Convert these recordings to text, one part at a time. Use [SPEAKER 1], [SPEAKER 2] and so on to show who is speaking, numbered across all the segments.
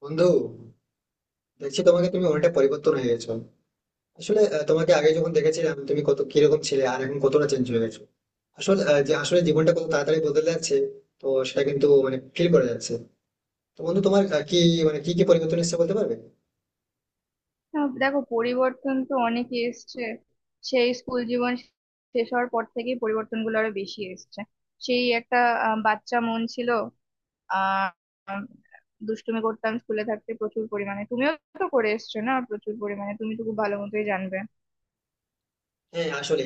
[SPEAKER 1] বন্ধু, দেখছি তোমাকে তুমি অনেকটা পরিবর্তন হয়ে গেছো। আসলে তোমাকে আগে যখন দেখেছিলাম তুমি কত কিরকম ছিলে আর এখন কতটা চেঞ্জ হয়ে গেছো। আসলে যে আসলে জীবনটা কত তাড়াতাড়ি বদলে যাচ্ছে, তো সেটা কিন্তু মানে ফিল করা যাচ্ছে। তো বন্ধু, তোমার কি মানে কি কি পরিবর্তন এসেছে বলতে পারবে?
[SPEAKER 2] না, দেখো পরিবর্তন তো অনেকই এসছে। সেই স্কুল জীবন শেষ হওয়ার পর থেকেই পরিবর্তনগুলো আরো বেশি এসছে। সেই একটা বাচ্চা মন ছিল। আহ উম, দুষ্টুমি করতাম স্কুলে থাকতে প্রচুর পরিমাণে, তুমিও তো করে এসছো না, প্রচুর পরিমাণে তুমি তো খুব ভালো মতোই জানবে।
[SPEAKER 1] হ্যাঁ, আসলে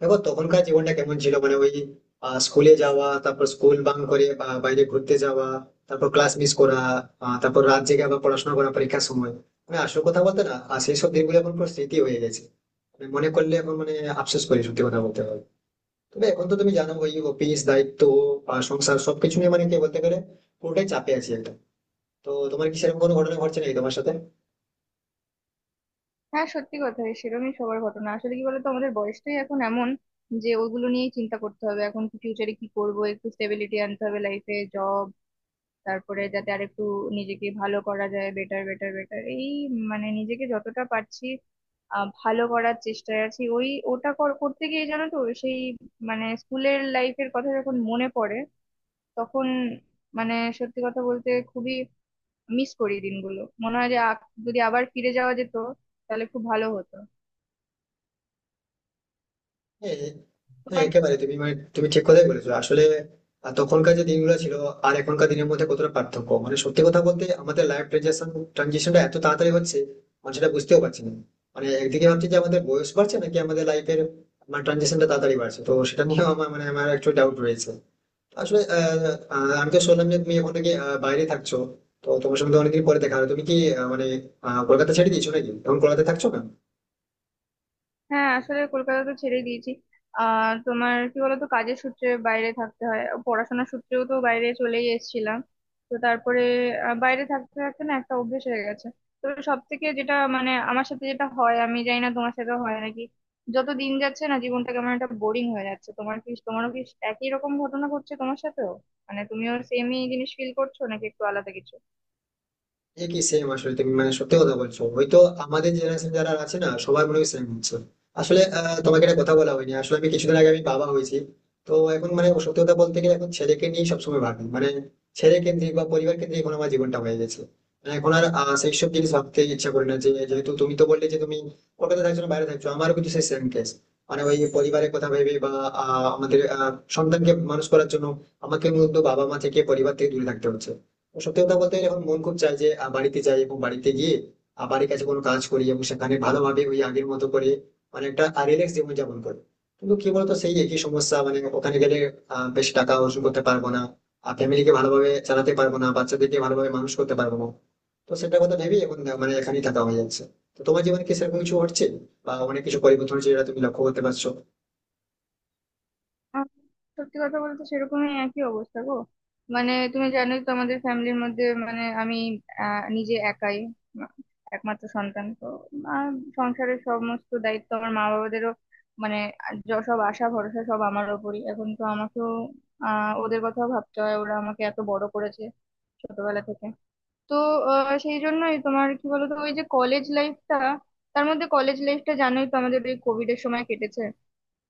[SPEAKER 1] দেখো তখনকার জীবনটা কেমন ছিল, মানে ওই স্কুলে যাওয়া, তারপর স্কুল বাং করে বা বাইরে ঘুরতে যাওয়া, তারপর ক্লাস মিস করা, তারপর রাত জেগে আবার পড়াশোনা করা পরীক্ষার সময়। মানে আসল কথা বলতে, না আর সেই সব দিনগুলো এখন পুরো স্মৃতি হয়ে গেছে। মানে মনে করলে এখন মানে আফসোস করি, সত্যি কথা বলতে হবে। তবে এখন তো তুমি জানো ওই অফিস দায়িত্ব আর সংসার সবকিছু নিয়ে মানে কি বলতে গেলে পুরোটাই চাপে আছি একটা। তো তোমার কি সেরকম কোনো ঘটনা ঘটছে নাকি তোমার সাথে?
[SPEAKER 2] হ্যাঁ, সত্যি কথা সেরকমই সবার ঘটনা। আসলে কি বলতো, আমাদের বয়সটাই এখন এমন যে ওগুলো নিয়েই চিন্তা করতে হবে। এখন কি ফিউচারে কি করবো, একটু স্টেবিলিটি আনতে হবে লাইফে, জব, তারপরে যাতে আরেকটু নিজেকে ভালো করা যায়, বেটার বেটার বেটার। এই মানে নিজেকে যতটা পারছি ভালো করার চেষ্টায় আছি। ওই ওটা করতে গিয়ে জানো তো, সেই মানে স্কুলের লাইফের কথা যখন মনে পড়ে তখন মানে সত্যি কথা বলতে খুবই মিস করি দিনগুলো, মনে হয় যে যদি আবার ফিরে যাওয়া যেত তাহলে খুব ভালো হতো।
[SPEAKER 1] হ্যাঁ, হ্যাঁ,
[SPEAKER 2] তোমার
[SPEAKER 1] একেবারে তুমি তুমি ঠিক কথাই বলেছো। আসলে তখনকার যে দিনগুলো ছিল আর এখনকার দিনের মধ্যে কতটা পার্থক্য, মানে সত্যি কথা বলতে আমাদের লাইফ ট্রানজিশনটা এত তাড়াতাড়ি হচ্ছে, মানে সেটা বুঝতেও পারছি না। মানে একদিকে ভাবছি যে আমাদের বয়স বাড়ছে নাকি আমাদের লাইফের মানে ট্রানজিশনটা তাড়াতাড়ি বাড়ছে, তো সেটা নিয়েও আমার একটু ডাউট রয়েছে। আসলে আহ, আহ, আমি তো শুনলাম যে তুমি এখন থেকে বাইরে থাকছো, তো তোমার সঙ্গে তো অনেকদিন পরে দেখা হলো। তুমি কি মানে কলকাতা ছেড়ে দিয়েছো নাকি এখন কলকাতায় থাকছো না?
[SPEAKER 2] হ্যাঁ, আসলে কলকাতা তো ছেড়ে দিয়েছি। তোমার কি বলতো, কাজের সূত্রে বাইরে থাকতে হয়, পড়াশোনার সূত্রেও তো বাইরে চলেই এসেছিলাম। তো তারপরে বাইরে থাকতে থাকতে না একটা অভ্যেস হয়ে গেছে। তো সব থেকে যেটা মানে আমার সাথে যেটা হয়, আমি জানি না তোমার সাথে হয় নাকি, যত দিন যাচ্ছে না জীবনটা কেমন একটা বোরিং হয়ে যাচ্ছে। তোমার কি তোমারও কি একই রকম ঘটনা ঘটছে তোমার সাথেও? মানে তুমিও সেমই জিনিস ফিল করছো নাকি একটু আলাদা কিছু?
[SPEAKER 1] একই সেম, আসলে তুমি মানে সত্যি কথা বলছো হয়তো। আমাদের জেনারেশন যারা আছে না সবার মনে হয় সেম হচ্ছে। আসলে তোমাকে একটা কথা বলা হয়নি, আসলে আমি কিছুদিন আগে আমি বাবা হয়েছি। তো এখন মানে সত্যি কথা বলতে গেলে এখন ছেলেকে নিয়ে সবসময় ভাবি, মানে ছেলে কেন্দ্রিক বা পরিবার কেন্দ্রিক এখন আমার জীবনটা হয়ে গেছে। মানে এখন আর সেই সব জিনিস ভাবতে ইচ্ছা করে না, যে যেহেতু তুমি তো বললে যে তুমি কলকাতা থাকছো না বাইরে থাকছো, আমারও কিন্তু সেই সেম কেস। মানে ওই পরিবারের কথা ভেবে বা আমাদের সন্তানকে মানুষ করার জন্য আমাকে মূলত বাবা মা থেকে পরিবার থেকে দূরে থাকতে হচ্ছে। সত্যি কথা বলতে এখন মন খুব চায় যে বাড়িতে যাই এবং বাড়িতে গিয়ে বাড়ির কাছে কোনো কাজ করি এবং সেখানে ভালোভাবে ওই আগের মতো করে মানে একটা রিল্যাক্স জীবন যাপন করি। কিন্তু কি বলতো, সেই একই সমস্যা মানে ওখানে গেলে বেশি টাকা অর্জন করতে পারবো না, আর ফ্যামিলিকে ভালোভাবে চালাতে পারবো না, বাচ্চাদেরকে ভালোভাবে মানুষ করতে পারবো না। তো সেটার কথা ভেবেই এখন মানে এখানেই থাকা হয়ে যাচ্ছে। তো তোমার জীবনে কি সেরকম কিছু হচ্ছে বা অনেক কিছু পরিবর্তন হচ্ছে যেটা তুমি লক্ষ্য করতে পারছো?
[SPEAKER 2] আম, সত্যি কথা বলতে সেরকমই একই অবস্থা গো। মানে তুমি জানোই তো আমাদের ফ্যামিলির মধ্যে, মানে আমি নিজে একাই, মা- একমাত্র সন্তান তো। আর সংসারের সমস্ত দায়িত্ব আমার মা বাবাদেরও, মানে সব আশা ভরসা সব আমার ওপরই। এখন তো আমাকেও ওদের কথাও ভাবতে হয়, ওরা আমাকে এত বড় করেছে ছোটবেলা থেকে। তো সেই জন্যই তোমার কি বলতো, ওই যে কলেজ লাইফটা, তার মধ্যে কলেজ লাইফটা জানোই তো আমাদের ওই কোভিড এর সময় কেটেছে।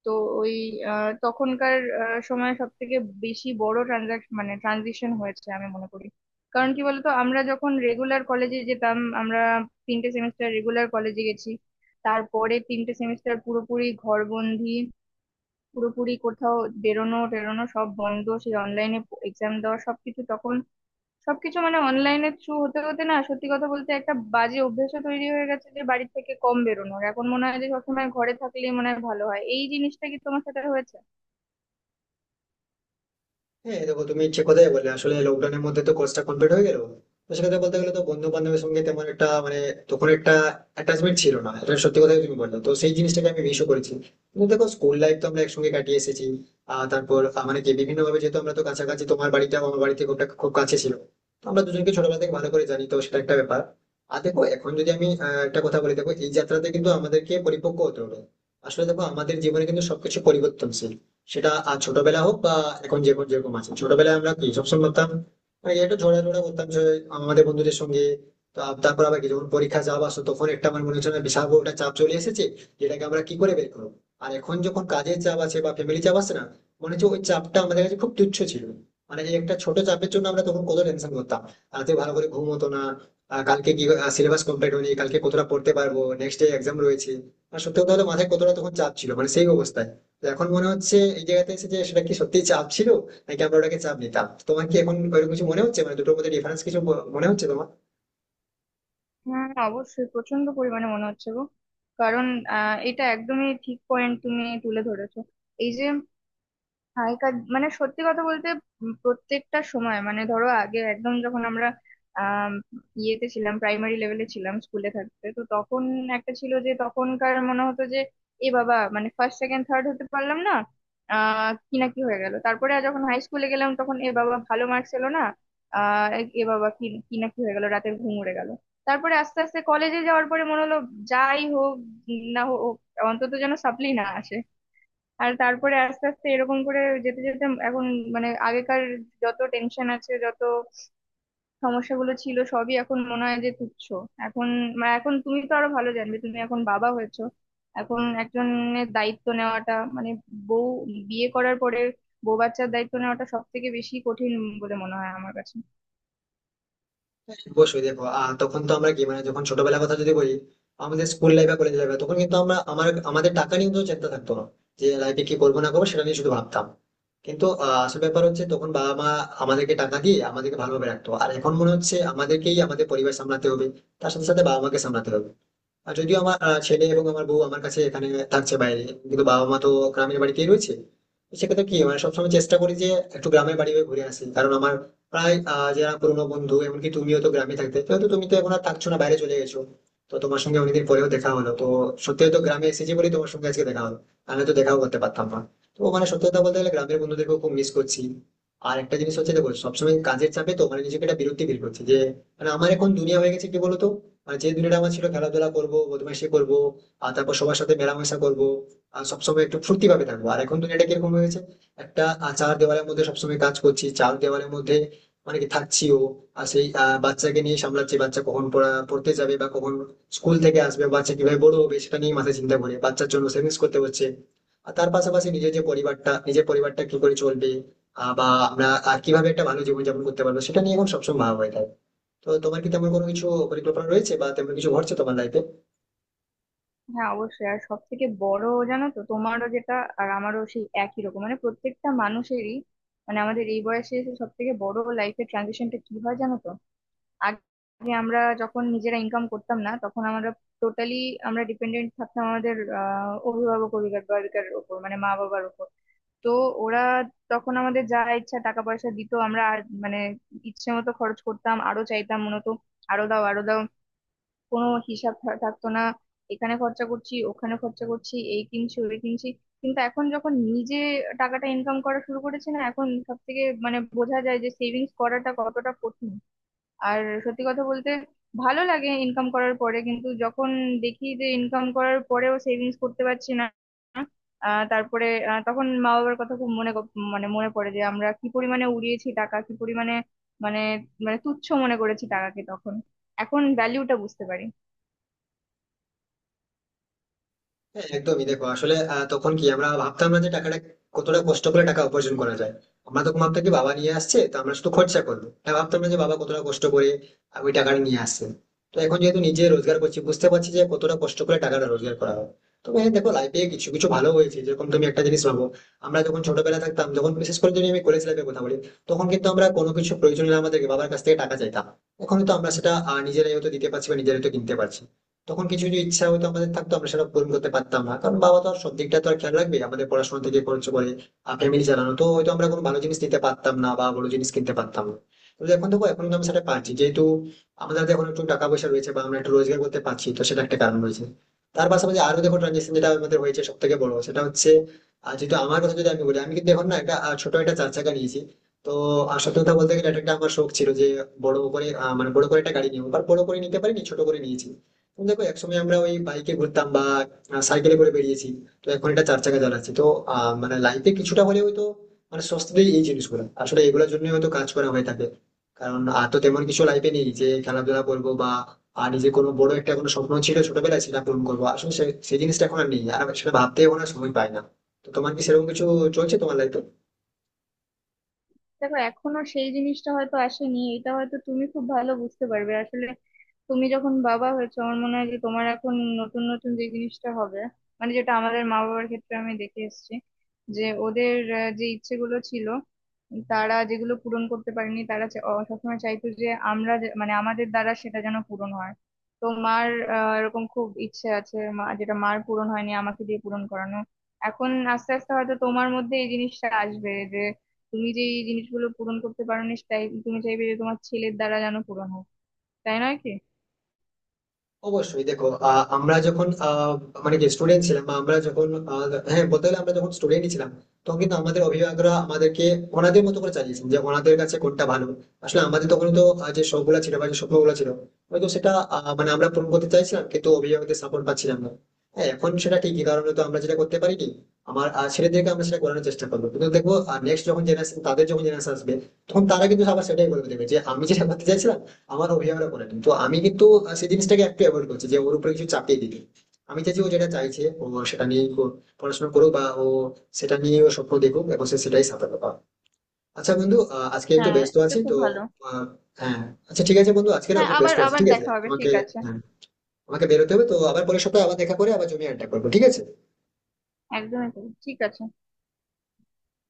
[SPEAKER 2] তো ওই তখনকার সময় সব থেকে বেশি বড় ট্রানজাকশন মানে ট্রানজিশন হয়েছে আমি মনে করি। কারণ কি বলতো, আমরা যখন রেগুলার কলেজে যেতাম, আমরা তিনটে সেমিস্টার রেগুলার কলেজে গেছি। তারপরে তিনটে সেমিস্টার পুরোপুরি ঘরবন্দি, পুরোপুরি কোথাও বেরোনো টেরোনো সব বন্ধ, সেই অনলাইনে এক্সাম দেওয়া সবকিছু তখন, সবকিছু মানে অনলাইনের থ্রু হতে হতে না সত্যি কথা বলতে একটা বাজে অভ্যেসও তৈরি হয়ে গেছে যে বাড়ি থেকে কম বেরোনোর। এখন মনে হয় যে সবসময় ঘরে থাকলেই মনে হয় ভালো হয়। এই জিনিসটা কি তোমার সাথে হয়েছে?
[SPEAKER 1] হ্যাঁ দেখো তুমি ঠিক কথাই বললে। আসলে লকডাউনের মধ্যে তো কোর্সটা কমপ্লিট হয়ে গেল, তো সেক্ষেত্রে বলতে গেলে তো বন্ধু বান্ধবের সঙ্গে তেমন একটা মানে তখন একটা অ্যাটাচমেন্ট ছিল না, এটা সত্যি কথাই তুমি বললে, তো সেই জিনিসটাকে আমি মিসও করেছি। কিন্তু দেখো স্কুল লাইফ তো আমরা একসঙ্গে কাটিয়ে এসেছি। আর তারপর মানে কি বিভিন্ন ভাবে, যেহেতু আমরা তো কাছাকাছি, তোমার বাড়িটাও আমার বাড়ি থেকে খুব কাছে ছিল। তো আমরা দুজনকে ছোটবেলা থেকে ভালো করে জানি, তো সেটা একটা ব্যাপার। আর দেখো এখন যদি আমি একটা কথা বলি, দেখো এই যাত্রাতে কিন্তু আমাদেরকে পরিপক্ক হতে হবে। আসলে দেখো আমাদের জীবনে কিন্তু সবকিছু পরিবর্তনশীল, সেটা আর ছোটবেলা হোক বা এখন যে কোন যেরকম আছে। ছোটবেলায় আমরা কি সবসময় করতাম, মানে একটু ঝোড়াঝোড়া করতাম যে আমাদের বন্ধুদের সঙ্গে, তারপর আবার কি যখন পরীক্ষা চাপ আসতো তখন একটা আমার মনে হচ্ছে না বিশাল বড় একটা চাপ চলে এসেছে, যেটাকে আমরা কি করে বের করবো। আর এখন যখন কাজের চাপ আছে বা ফ্যামিলি চাপ আছে না, মনে হচ্ছে ওই চাপটা আমাদের কাছে খুব তুচ্ছ ছিল। মানে এই একটা ছোট চাপের জন্য আমরা তখন কত টেনশন করতাম, রাতে ভালো করে ঘুম হতো না, কালকে কি সিলেবাস কমপ্লিট হয়নি, কালকে কতটা পড়তে পারবো, নেক্সট ডে এক্সাম রয়েছে। আর সত্যি কথা হলো মাথায় কতটা তখন চাপ ছিল, মানে সেই অবস্থায়। তো এখন মনে হচ্ছে এই জায়গাতে এসে যে সেটা কি সত্যি চাপ ছিল নাকি আমরা ওটাকে চাপ নিতাম। তোমার কি এখন ওইরকম কিছু মনে হচ্ছে, মানে দুটোর মধ্যে ডিফারেন্স কিছু মনে হচ্ছে তোমার?
[SPEAKER 2] হ্যাঁ অবশ্যই, প্রচন্ড পরিমাণে মনে হচ্ছে গো। কারণ এটা একদমই ঠিক পয়েন্ট তুমি তুলে ধরেছো। এই যে আগেকার মানে সত্যি কথা বলতে প্রত্যেকটা সময়, মানে ধরো আগে একদম যখন আমরা আম, ইয়েতে ছিলাম, প্রাইমারি লেভেলে ছিলাম, স্কুলে থাকতে তো তখন একটা ছিল যে তখনকার মনে হতো যে এ বাবা মানে ফার্স্ট সেকেন্ড থার্ড হতে পারলাম না। কি না কি হয়ে গেল। তারপরে আর যখন হাই স্কুলে গেলাম তখন এ বাবা ভালো মার্কস এলো না। আহ এ বাবা কি কি না কি হয়ে গেল, রাতের ঘুম উড়ে গেল। তারপরে আস্তে আস্তে কলেজে যাওয়ার পরে মনে হলো, যাই হোক না হোক অন্তত যেন সাপ্লি না আসে। আর তারপরে আস্তে আস্তে এরকম করে যেতে যেতে এখন মানে আগেকার যত টেনশন আছে, যত সমস্যাগুলো ছিল সবই এখন মনে হয় যে তুচ্ছ। এখন মানে এখন তুমি তো আরো ভালো জানবে, তুমি এখন বাবা হয়েছো। এখন একজনের দায়িত্ব নেওয়াটা মানে বউ, বিয়ে করার পরে বউ বাচ্চার দায়িত্ব নেওয়াটা সব থেকে বেশি কঠিন বলে মনে হয় আমার কাছে।
[SPEAKER 1] অবশ্যই দেখো তখন তো আমরা কি মানে যখন ছোটবেলার কথা যদি বলি, আমাদের স্কুল লাইফ বা কলেজ লাইফ, তখন কিন্তু আমরা আমার আমাদের টাকা নিয়ে তো চিন্তা থাকতো না, যে লাইফে কি করবো না করবো সেটা নিয়ে শুধু ভাবতাম। কিন্তু আসল ব্যাপার হচ্ছে তখন বাবা মা আমাদেরকে টাকা দিয়ে আমাদেরকে ভালোভাবে রাখতো, আর এখন মনে হচ্ছে আমাদেরকেই আমাদের পরিবার সামলাতে হবে, তার সাথে সাথে বাবা মাকে সামলাতে হবে। আর যদিও আমার ছেলে এবং আমার বউ আমার কাছে এখানে থাকছে বাইরে, কিন্তু বাবা মা তো গ্রামের বাড়িতেই রয়েছে। তো সেক্ষেত্রে কি মানে সবসময় চেষ্টা করি যে একটু গ্রামের বাড়ি হয়ে ঘুরে আসি, কারণ আমার প্রায় যারা পুরোনো বন্ধু, এমনকি তুমিও তো গ্রামে থাকতে, যেহেতু তুমি তো এখন আর থাকছো না বাইরে চলে গেছো, তো তোমার সঙ্গে অনেকদিন পরেও দেখা হলো। তো সত্যি, তো গ্রামে এসেছি বলেই তোমার সঙ্গে আজকে দেখা হলো, আমি তো দেখাও করতে পারতাম না। তো মানে সত্যি কথা বলতে গেলে গ্রামের বন্ধুদেরকেও খুব মিস করছি। আর একটা জিনিস হচ্ছে, দেখো সবসময় কাজের চাপে তো মানে নিজেকে একটা বিরক্তি ফিল করছি যে, মানে আমার এখন দুনিয়া হয়ে গেছে কি বলতো, আর যে দুনিয়াটা আমার ছিল খেলাধুলা করবো, বদমাইশি করবো, আর তারপর সবার সাথে মেলামেশা করবো, আর সবসময় একটু ফুর্তি ভাবে থাকবো। আর এখন দুনিয়াটা কিরকম হয়ে গেছে, একটা চার দেওয়ালের মধ্যে সবসময় কাজ করছি, চার দেওয়ালের মধ্যে মানে কি থাকছিও। আর সেই বাচ্চাকে নিয়ে সামলাচ্ছি, বাচ্চা কখন পড়তে যাবে বা কখন স্কুল থেকে আসবে, বাচ্চা কিভাবে বড় হবে সেটা নিয়ে মাথায় চিন্তা করে বাচ্চার জন্য সেভিংস করতে হচ্ছে। আর তার পাশাপাশি নিজের পরিবারটা কি করে চলবে, বা আমরা কিভাবে একটা ভালো জীবনযাপন করতে পারবো, সেটা নিয়ে এখন সবসময় ভাবা হয়ে থাকে। তো তোমার কি তেমন কোনো কিছু পরিকল্পনা রয়েছে বা তেমন কিছু ঘটছে তোমার লাইফে?
[SPEAKER 2] হ্যাঁ অবশ্যই। আর সব থেকে বড় জানো তো, তোমারও যেটা আর আমারও সেই একই রকম, মানে প্রত্যেকটা মানুষেরই। মানে আমাদের এই বয়সে এসে সব থেকে বড় লাইফের ট্রানজিশনটা কি হয় জানো তো, আগে আমরা যখন নিজেরা ইনকাম করতাম না তখন আমরা টোটালি, আমরা ডিপেন্ডেন্ট থাকতাম আমাদের অভিভাবক অভিভাবিকার ওপর, মানে মা বাবার ওপর। তো ওরা তখন আমাদের যা ইচ্ছা টাকা পয়সা দিত, আমরা আর মানে ইচ্ছে মতো খরচ করতাম, আরো চাইতাম মূলত, আরো দাও আরো দাও, কোনো হিসাব থাকতো না। এখানে খরচা করছি ওখানে খরচা করছি এই কিনছি ওই কিনছি। কিন্তু এখন যখন নিজে টাকাটা ইনকাম করা শুরু করেছে না, এখন সব থেকে মানে বোঝা যায় যে সেভিংস করাটা কতটা কঠিন। আর সত্যি কথা বলতে ভালো লাগে ইনকাম করার পরে, কিন্তু যখন দেখি যে ইনকাম করার পরেও সেভিংস করতে পারছি না, তারপরে তখন মা বাবার কথা খুব মনে মানে মনে পড়ে যে আমরা কি পরিমাণে উড়িয়েছি টাকা, কি পরিমাণে মানে মানে তুচ্ছ মনে করেছি টাকাকে তখন। এখন ভ্যালিউটা বুঝতে পারি।
[SPEAKER 1] হ্যাঁ, একদমই দেখো আসলে তখন কি আমরা ভাবতাম না যে টাকাটা কতটা কষ্ট করে টাকা উপার্জন করা যায়। আমরা তখন ভাবতাম কি বাবা নিয়ে আসছে তো আমরা শুধু খরচা করবো, এটা ভাবতাম না যে বাবা কতটা কষ্ট করে ওই টাকাটা নিয়ে আসছে। তো এখন যেহেতু নিজে রোজগার করছি, বুঝতে পারছি যে কতটা কষ্ট করে টাকাটা রোজগার করা হয়। তবে হ্যাঁ দেখো লাইফে কিছু কিছু ভালো হয়েছে, যেরকম তুমি একটা জিনিস ভাবো, আমরা যখন ছোটবেলা থাকতাম, যখন বিশেষ করে যদি আমি কলেজ লাইফের কথা বলি, তখন কিন্তু আমরা কোনো কিছু প্রয়োজন হলে আমাদেরকে বাবার কাছ থেকে টাকা চাইতাম, এখন তো আমরা সেটা নিজেরাই হয়তো দিতে পারছি বা নিজেরাই হয়তো কিনতে পারছি। তখন কিছু কিছু ইচ্ছা হয়তো আমাদের থাকতো, আমরা সেটা পূরণ করতে পারতাম না, কারণ বাবা তো আর সব দিকটা তো আর খেয়াল রাখবে, আমাদের পড়াশোনা থেকে খরচ করে ফ্যামিলি চালানো, তো হয়তো আমরা কোনো ভালো জিনিস নিতে পারতাম না বা বড় জিনিস কিনতে পারতাম না। কিন্তু এখন দেখো, এখন কিন্তু আমি সেটা পাচ্ছি, যেহেতু আমাদের হাতে এখন একটু টাকা পয়সা রয়েছে বা আমরা একটু রোজগার করতে পারছি, তো সেটা একটা কারণ রয়েছে। তার পাশাপাশি আরো দেখো ট্রানজেকশন যেটা আমাদের হয়েছে সব থেকে বড় সেটা হচ্ছে, আর যেহেতু আমার কথা যদি আমি বলি, আমি কিন্তু এখন না একটা ছোট একটা চার চাকা নিয়েছি। তো সত্যি কথা বলতে গেলে এটা একটা আমার শখ ছিল, যে বড় করে মানে বড় করে একটা গাড়ি নিয়ে, বাট বড় করে নিতে পারিনি, ছোট করে নিয়েছি। তো দেখো একসময় আমরা ওই বাইকে ঘুরতাম বা সাইকেলে করে বেরিয়েছি, তো এখন এটা চার চাকা চালাচ্ছি। তো মানে লাইফে কিছুটা হলেও হয়তো মানে স্বস্তি দেয় এই জিনিসগুলো, আসলে এগুলোর জন্য হয়তো কাজ করা হয়ে থাকে। কারণ আর তো তেমন কিছু লাইফে নেই যে খেলাধুলা করবো বা, আর নিজে কোনো বড় একটা কোনো স্বপ্ন ছিল ছোটবেলায় সেটা পূরণ করবো, আসলে সেই জিনিসটা এখন আর নেই, আর আমি সেটা ভাবতেও না সময় পাই না। তো তোমার কি সেরকম কিছু চলছে তোমার লাইফে?
[SPEAKER 2] দেখো এখনো সেই জিনিসটা হয়তো আসেনি, এটা হয়তো তুমি খুব ভালো বুঝতে পারবে। আসলে তুমি যখন বাবা হয়েছো, আমার মনে হয় যে তোমার এখন নতুন নতুন যে জিনিসটা হবে, মানে যেটা আমাদের মা বাবার ক্ষেত্রে আমি দেখে এসেছি, যে ওদের যে ইচ্ছেগুলো ছিল তারা যেগুলো পূরণ করতে পারেনি, তারা সবসময় চাইতো যে আমরা মানে আমাদের দ্বারা সেটা যেন পূরণ হয়। তো মার এরকম খুব ইচ্ছে আছে, মা যেটা মার পূরণ হয়নি আমাকে দিয়ে পূরণ করানো। এখন আস্তে আস্তে হয়তো তোমার মধ্যে এই জিনিসটা আসবে যে তুমি যে এই জিনিসগুলো পূরণ করতে পারোনি তাই তুমি চাইবে যে তোমার ছেলের দ্বারা যেন পূরণ হোক। তাই নয় কি?
[SPEAKER 1] অবশ্যই দেখো আমরা যখন মানে কি স্টুডেন্ট ছিলাম বা আমরা যখন আহ, হ্যাঁ বলতে গেলে আমরা যখন স্টুডেন্টই ছিলাম, তখন কিন্তু আমাদের অভিভাবকরা আমাদেরকে ওনাদের মতো করে চালিয়েছেন, যে ওনাদের কাছে কোনটা ভালো। আসলে আমাদের তখন তো যে শখ ছিল বা যে স্বপ্ন ছিল, হয়তো সেটা মানে আমরা পূরণ করতে চাইছিলাম, কিন্তু অভিভাবকদের সাপোর্ট পাচ্ছিলাম না। হ্যাঁ এখন সেটা ঠিকই, কারণ তো আমরা যেটা করতে পারি কি, আমার ছেলেদেরকে আমরা সেটা করানোর চেষ্টা করবো, কিন্তু দেখবো নেক্সট যখন জেনারেশন, তাদের যখন জেনারেশন আসবে, তখন তারা কিন্তু আবার সেটাই বলবে দেখবে যে আমি যেটা করতে চাইছিলাম আমার অভিভাবকরা করে। তো আমি কিন্তু সেই জিনিসটাকে একটু অ্যাভয়েড করছি, যে ওর উপরে কিছু চাপিয়ে দিতে। আমি চাইছি ও যেটা চাইছে ও সেটা নিয়ে পড়াশোনা করুক বা ও সেটা নিয়ে ও স্বপ্ন দেখুক এবং সে সেটাই সাফল্য পাক। আচ্ছা বন্ধু, আজকে একটু
[SPEAKER 2] হ্যাঁ
[SPEAKER 1] ব্যস্ত
[SPEAKER 2] এটা
[SPEAKER 1] আছি
[SPEAKER 2] খুব
[SPEAKER 1] তো।
[SPEAKER 2] ভালো।
[SPEAKER 1] আহ, হ্যাঁ। আচ্ছা ঠিক আছে বন্ধু, আজকে না
[SPEAKER 2] হ্যাঁ,
[SPEAKER 1] খুব
[SPEAKER 2] আবার
[SPEAKER 1] ব্যস্ত আছি,
[SPEAKER 2] আবার
[SPEAKER 1] ঠিক আছে
[SPEAKER 2] দেখা হবে,
[SPEAKER 1] তোমাকে?
[SPEAKER 2] ঠিক আছে।
[SPEAKER 1] হ্যাঁ। আমাকে বেরোতে হবে তো, আবার পরের সপ্তাহে আবার দেখা করে আবার জমি আড্ডা করবো, ঠিক আছে?
[SPEAKER 2] একদমই তাই, ঠিক আছে।